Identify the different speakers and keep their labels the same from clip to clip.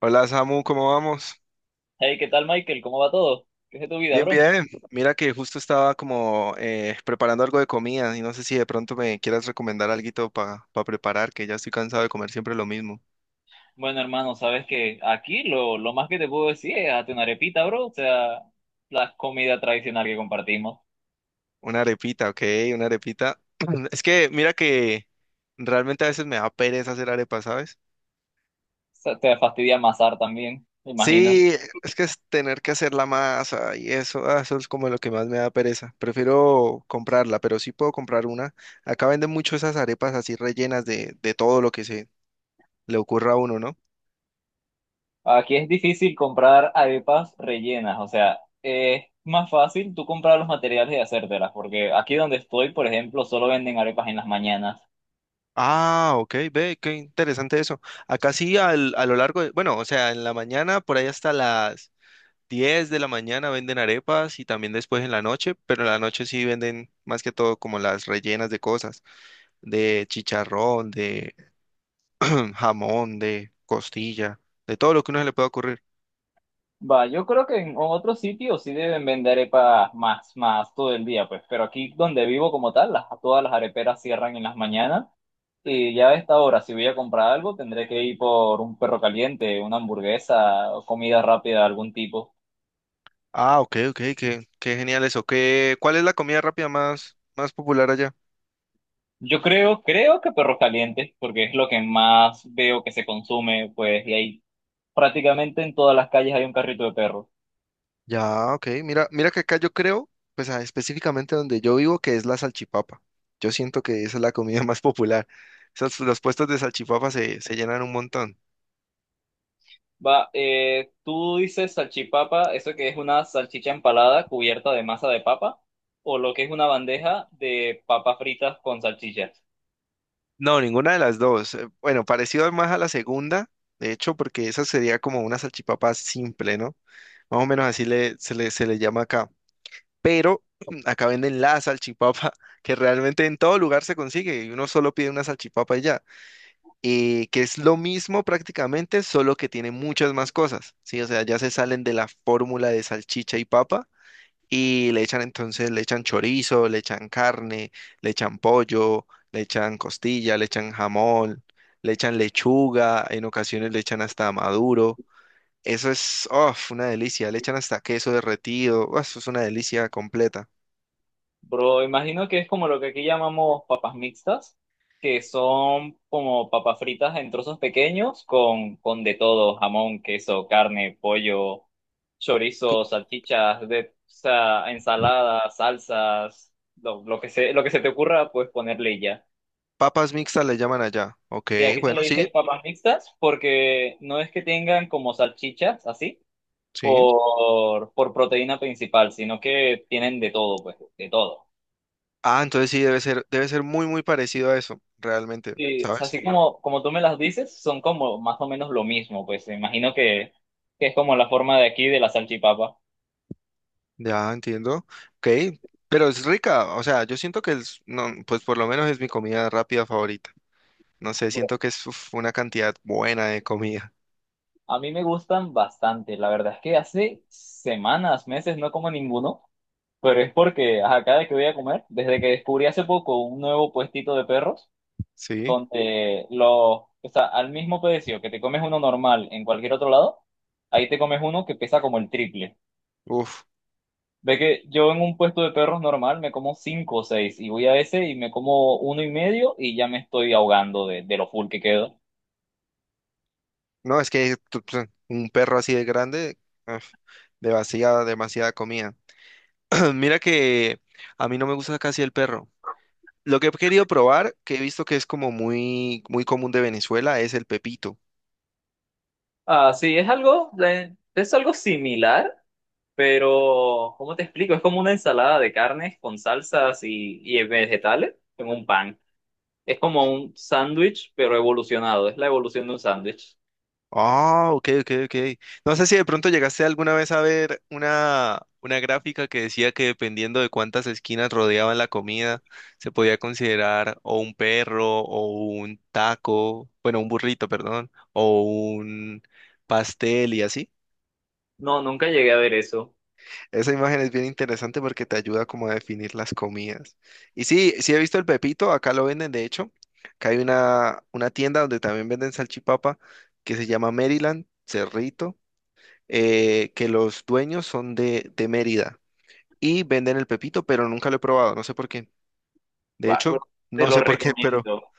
Speaker 1: Hola Samu, ¿cómo vamos?
Speaker 2: Hey, ¿qué tal, Michael? ¿Cómo va todo? ¿Qué es de tu vida,
Speaker 1: Bien,
Speaker 2: bro?
Speaker 1: bien. Mira que justo estaba como preparando algo de comida y no sé si de pronto me quieras recomendar alguito para preparar, que ya estoy cansado de comer siempre lo mismo.
Speaker 2: Bueno, hermano, sabes que aquí lo más que te puedo decir es hazte una arepita, bro. O sea, la comida tradicional que compartimos. O
Speaker 1: Una arepita, ok, una arepita. Es que mira que realmente a veces me da pereza hacer arepa, ¿sabes?
Speaker 2: sea, te fastidia amasar también, me imagino.
Speaker 1: Sí, es que es tener que hacer la masa y eso, eso es como lo que más me da pereza. Prefiero comprarla, pero sí puedo comprar una. Acá venden mucho esas arepas así rellenas de todo lo que se le ocurra a uno, ¿no?
Speaker 2: Aquí es difícil comprar arepas rellenas. O sea, es más fácil tú comprar los materiales y hacértelas. Porque aquí donde estoy, por ejemplo, solo venden arepas en las mañanas.
Speaker 1: Ah, ok, ve, qué interesante eso. Acá sí, a lo largo de, bueno, o sea, en la mañana, por ahí hasta las 10 de la mañana venden arepas y también después en la noche, pero en la noche sí venden más que todo como las rellenas de cosas, de chicharrón, de jamón, de costilla, de todo lo que a uno se le pueda ocurrir.
Speaker 2: Va, yo creo que en otros sitios sí deben vender arepas más todo el día, pues, pero aquí donde vivo como tal, las, todas las areperas cierran en las mañanas y ya a esta hora, si voy a comprar algo, tendré que ir por un perro caliente, una hamburguesa, o comida rápida de algún tipo.
Speaker 1: Ah, ok, ok, qué genial eso. ¿ cuál es la comida rápida más, más popular allá?
Speaker 2: Yo creo, creo que perro caliente, porque es lo que más veo que se consume, pues, y ahí prácticamente en todas las calles hay un carrito de perro.
Speaker 1: Ya, ok. Mira, mira que acá yo creo, pues específicamente donde yo vivo, que es la salchipapa. Yo siento que esa es la comida más popular. Esas, los puestos de salchipapa se llenan un montón.
Speaker 2: Va, tú dices salchipapa, eso que es una salchicha empalada cubierta de masa de papa, o lo que es una bandeja de papas fritas con salchichas.
Speaker 1: No, ninguna de las dos. Bueno, parecido más a la segunda, de hecho, porque esa sería como una salchipapa simple, ¿no? Más o menos así se le llama acá. Pero acá venden la salchipapa, que realmente en todo lugar se consigue y uno solo pide una salchipapa y ya. Que es lo mismo prácticamente, solo que tiene muchas más cosas, ¿sí? O sea, ya se salen de la fórmula de salchicha y papa y le echan entonces, le echan chorizo, le echan carne, le echan pollo, le echan costilla, le echan jamón, le echan lechuga, en ocasiones le echan hasta maduro. Eso es, uf, una delicia, le echan hasta queso derretido, uf, eso es una delicia completa.
Speaker 2: Bro, imagino que es como lo que aquí llamamos papas mixtas, que son como papas fritas en trozos pequeños con de todo, jamón, queso, carne, pollo,
Speaker 1: Cu-
Speaker 2: chorizo, salchichas, de, o sea, ensaladas, salsas, lo, lo que se te ocurra, pues ponerle y ya.
Speaker 1: Papas mixtas le llaman allá. Ok,
Speaker 2: Sí, aquí se
Speaker 1: bueno,
Speaker 2: le
Speaker 1: sí,
Speaker 2: dice papas mixtas porque no es que tengan como salchichas así
Speaker 1: sí.
Speaker 2: por proteína principal, sino que tienen de todo, pues, de todo.
Speaker 1: Ah, entonces sí, debe ser muy, muy parecido a eso, realmente,
Speaker 2: Sí, o sea,
Speaker 1: ¿sabes?
Speaker 2: así como, como tú me las dices, son como más o menos lo mismo, pues me imagino que es como la forma de aquí de la salchipapa.
Speaker 1: Ya entiendo. Ok, pero es rica, o sea, yo siento que es, no, pues por lo menos es mi comida rápida favorita. No sé,
Speaker 2: Bro,
Speaker 1: siento que es uf, una cantidad buena de comida,
Speaker 2: a mí me gustan bastante, la verdad es que hace semanas, meses no como ninguno, pero es porque ajá, cada que voy a comer, desde que descubrí hace poco un nuevo puestito de perros,
Speaker 1: ¿sí?
Speaker 2: donde los, o sea, al mismo precio que te comes uno normal en cualquier otro lado, ahí te comes uno que pesa como el triple.
Speaker 1: Uf,
Speaker 2: Ve que yo en un puesto de perros normal me como cinco o seis y voy a ese y me como uno y medio y ya me estoy ahogando de lo full que quedo.
Speaker 1: no, es que un perro así de grande, uf, demasiada, demasiada comida. Mira que a mí no me gusta casi el perro. Lo que he querido probar, que he visto que es como muy, muy común de Venezuela, es el pepito.
Speaker 2: Ah, sí, es algo similar, pero ¿cómo te explico? Es como una ensalada de carnes con salsas y vegetales en un pan. Es como un sándwich, pero evolucionado. Es la evolución de un sándwich.
Speaker 1: Ah, ok, ok, ok. No sé si de pronto llegaste alguna vez a ver una gráfica que decía que dependiendo de cuántas esquinas rodeaban la comida, se podía considerar o un perro, o un taco, bueno, un burrito, perdón, o un pastel y así.
Speaker 2: No, nunca llegué a ver eso.
Speaker 1: Esa imagen es bien interesante porque te ayuda como a definir las comidas. Y sí, sí he visto el pepito, acá lo venden, de hecho. Acá hay una tienda donde también venden salchipapa que se llama Maryland, Cerrito. Que los dueños son de Mérida y venden el pepito, pero nunca lo he probado, no sé por qué. De
Speaker 2: Va, bro,
Speaker 1: hecho,
Speaker 2: te
Speaker 1: no
Speaker 2: lo
Speaker 1: sé por qué, pero...
Speaker 2: recomiendo.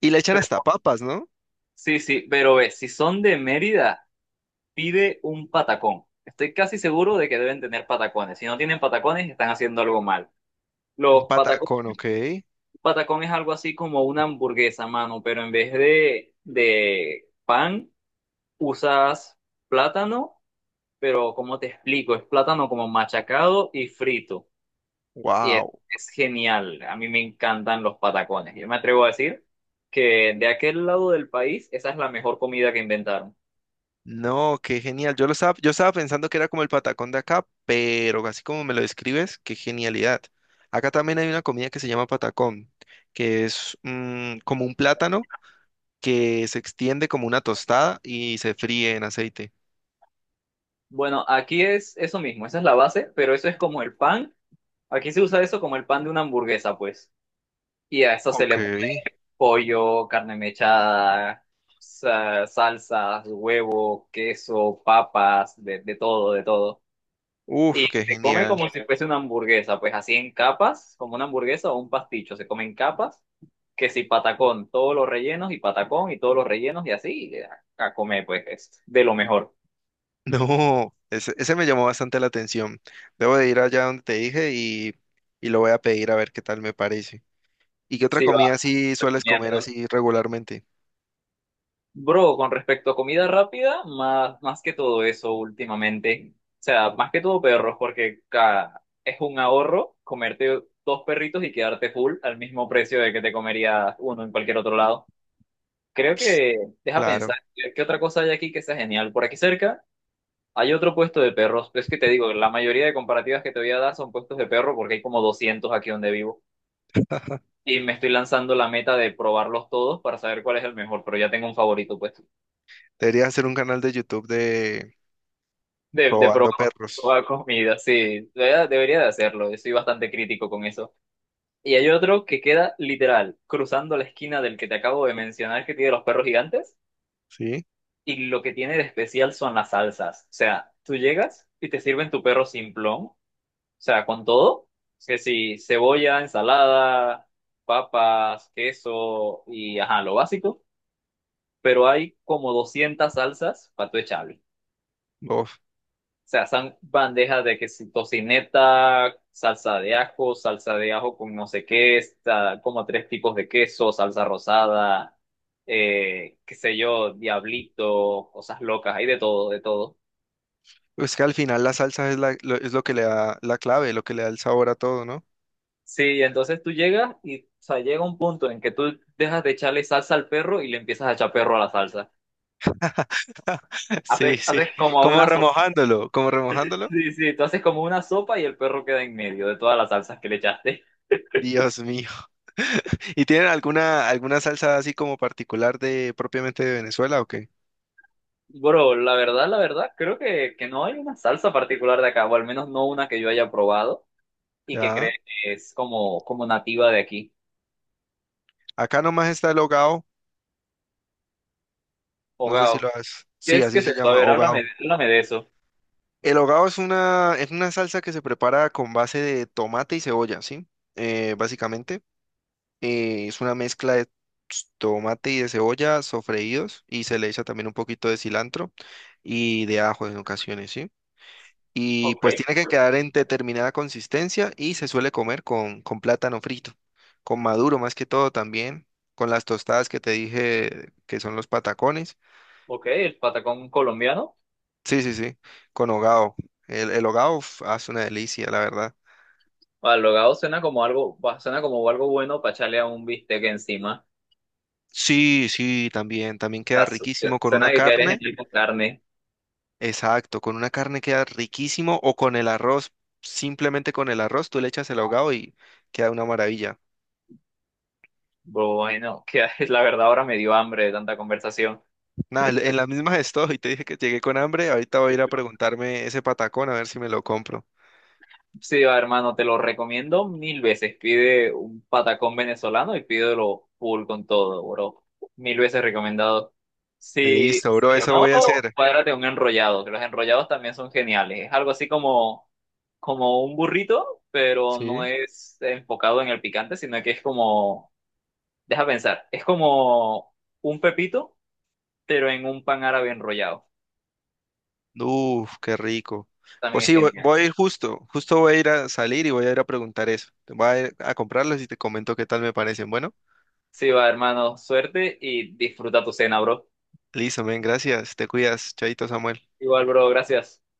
Speaker 1: Y le echan hasta
Speaker 2: Pero-
Speaker 1: papas, ¿no?
Speaker 2: sí, sí, pero ve, si son de Mérida, pide un patacón. Estoy casi seguro de que deben tener patacones. Si no tienen patacones, están haciendo algo mal.
Speaker 1: Un
Speaker 2: Los patacones,
Speaker 1: patacón, ok.
Speaker 2: patacón es algo así como una hamburguesa, mano, pero en vez de pan, usas plátano, pero ¿cómo te explico? Es plátano como machacado y frito. Y es,
Speaker 1: Wow.
Speaker 2: es genial, a mí me encantan los patacones. Yo me atrevo a decir que de aquel lado del país esa es la mejor comida que inventaron.
Speaker 1: No, qué genial. Yo lo estaba, yo estaba pensando que era como el patacón de acá, pero así como me lo describes, qué genialidad. Acá también hay una comida que se llama patacón, que es como un plátano que se extiende como una tostada y se fríe en aceite.
Speaker 2: Bueno, aquí es eso mismo, esa es la base, pero eso es como el pan. Aquí se usa eso como el pan de una hamburguesa, pues. Y a eso se
Speaker 1: Ok.
Speaker 2: le pone pollo, carne mechada, salsas, huevo, queso, papas, de todo, de todo. Y
Speaker 1: Uf, qué
Speaker 2: se come
Speaker 1: genial.
Speaker 2: como si fuese una hamburguesa, pues así en capas, como una hamburguesa o un pasticho, se come en capas. Que si patacón, todos los rellenos y patacón y todos los rellenos y así a comer, pues es de lo mejor.
Speaker 1: No, ese me llamó bastante la atención. Debo de ir allá donde te dije y lo voy a pedir a ver qué tal me parece. ¿Y qué otra
Speaker 2: Sí, va,
Speaker 1: comida así sueles comer
Speaker 2: recomiendo.
Speaker 1: así regularmente?
Speaker 2: Bro, con respecto a comida rápida, más que todo eso últimamente, o sea, más que todo perros, porque es un ahorro comerte dos perritos y quedarte full al mismo precio de que te comerías uno en cualquier otro lado. Creo que, deja pensar,
Speaker 1: Claro,
Speaker 2: qué otra cosa hay aquí que sea genial? Por aquí cerca hay otro puesto de perros, pero es que te digo, la mayoría de comparativas que te voy a dar son puestos de perro porque hay como 200 aquí donde vivo y me estoy lanzando la meta de probarlos todos para saber cuál es el mejor, pero ya tengo un favorito pues
Speaker 1: deberías hacer un canal de YouTube de
Speaker 2: de
Speaker 1: probando
Speaker 2: probar
Speaker 1: perros,
Speaker 2: toda comida, sí, debería, debería de hacerlo, soy bastante crítico con eso. Y hay otro que queda literal cruzando la esquina del que te acabo de mencionar que tiene los perros gigantes
Speaker 1: ¿sí?
Speaker 2: y lo que tiene de especial son las salsas, o sea, tú llegas y te sirven tu perro simplón. O sea, con todo, que si cebolla, ensalada, papas, queso y ajá, lo básico, pero hay como 200 salsas para tu echarle.
Speaker 1: Uf,
Speaker 2: O sea, son bandejas de que si tocineta, salsa de ajo con no sé qué, está como tres tipos de queso, salsa rosada, qué sé yo, diablito, cosas locas, hay de todo, de todo.
Speaker 1: es que al final la salsa es, lo, es lo que le da la clave, lo que le da el sabor a todo, ¿no?
Speaker 2: Sí, entonces tú llegas y, o sea, llega un punto en que tú dejas de echarle salsa al perro y le empiezas a echar perro a la salsa.
Speaker 1: Sí,
Speaker 2: Haces,
Speaker 1: sí,
Speaker 2: haces como
Speaker 1: como
Speaker 2: una sopa.
Speaker 1: remojándolo, como remojándolo.
Speaker 2: Sí, sí, tú haces como una sopa y el perro queda en medio de todas las salsas que le echaste.
Speaker 1: Dios mío. ¿Y tienen alguna salsa así como particular de propiamente de Venezuela o qué?
Speaker 2: Bro, la verdad, creo que no hay una salsa particular de acá, o al menos no una que yo haya probado y que cree
Speaker 1: Ya.
Speaker 2: que es como, como nativa de aquí.
Speaker 1: Acá nomás está el hogao, no sé si
Speaker 2: Hogao,
Speaker 1: lo has.
Speaker 2: ¿qué
Speaker 1: Sí,
Speaker 2: es que
Speaker 1: así
Speaker 2: es
Speaker 1: se
Speaker 2: eso? A
Speaker 1: llama,
Speaker 2: ver,
Speaker 1: hogao.
Speaker 2: háblame, háblame de eso.
Speaker 1: El hogao es una salsa que se prepara con base de tomate y cebolla, ¿sí? Básicamente, es una mezcla de tomate y de cebolla sofreídos y se le echa también un poquito de cilantro y de ajo en ocasiones, ¿sí? Y
Speaker 2: Ok,
Speaker 1: pues tiene que quedar en determinada consistencia y se suele comer con plátano frito, con maduro más que todo también, con las tostadas que te dije que son los patacones.
Speaker 2: ok, el patacón colombiano.
Speaker 1: Sí, sí, sí, con hogao. El hogao uf, hace una delicia, la verdad.
Speaker 2: O alogado suena como algo, suena como algo bueno para echarle a un bistec encima.
Speaker 1: Sí, sí, también, también queda
Speaker 2: Está su-
Speaker 1: riquísimo con
Speaker 2: Suena
Speaker 1: una
Speaker 2: que quieres en
Speaker 1: carne.
Speaker 2: el con carne.
Speaker 1: Exacto, con una carne queda riquísimo o con el arroz, simplemente con el arroz, tú le echas el ahogado y queda una maravilla.
Speaker 2: Bueno, que la verdad ahora me dio hambre de tanta conversación.
Speaker 1: Nada, en las mismas estoy, te dije que llegué con hambre, ahorita voy a ir a preguntarme ese patacón a ver si me lo compro.
Speaker 2: Sí, va, hermano, te lo recomiendo mil veces. Pide un patacón venezolano y pídelo full con todo, bro. Mil veces recomendado. Si,
Speaker 1: Listo, bro,
Speaker 2: si
Speaker 1: eso
Speaker 2: no,
Speaker 1: voy a hacer.
Speaker 2: cuádrate un enrollado, que los enrollados también son geniales. Es algo así como como un burrito, pero no
Speaker 1: Sí.
Speaker 2: es enfocado en el picante, sino que es como deja pensar, es como un pepito, pero en un pan árabe enrollado.
Speaker 1: Uf, qué rico.
Speaker 2: También
Speaker 1: Pues
Speaker 2: es
Speaker 1: sí, voy,
Speaker 2: genial.
Speaker 1: voy a ir justo, justo voy a ir a salir y voy a ir a preguntar eso. Voy a ir a comprarlos y te comento qué tal me parecen. Bueno,
Speaker 2: Sí, va, hermano, suerte y disfruta tu cena, bro.
Speaker 1: listo, men, gracias. Te cuidas, Chaito Samuel.
Speaker 2: Igual, bro, gracias.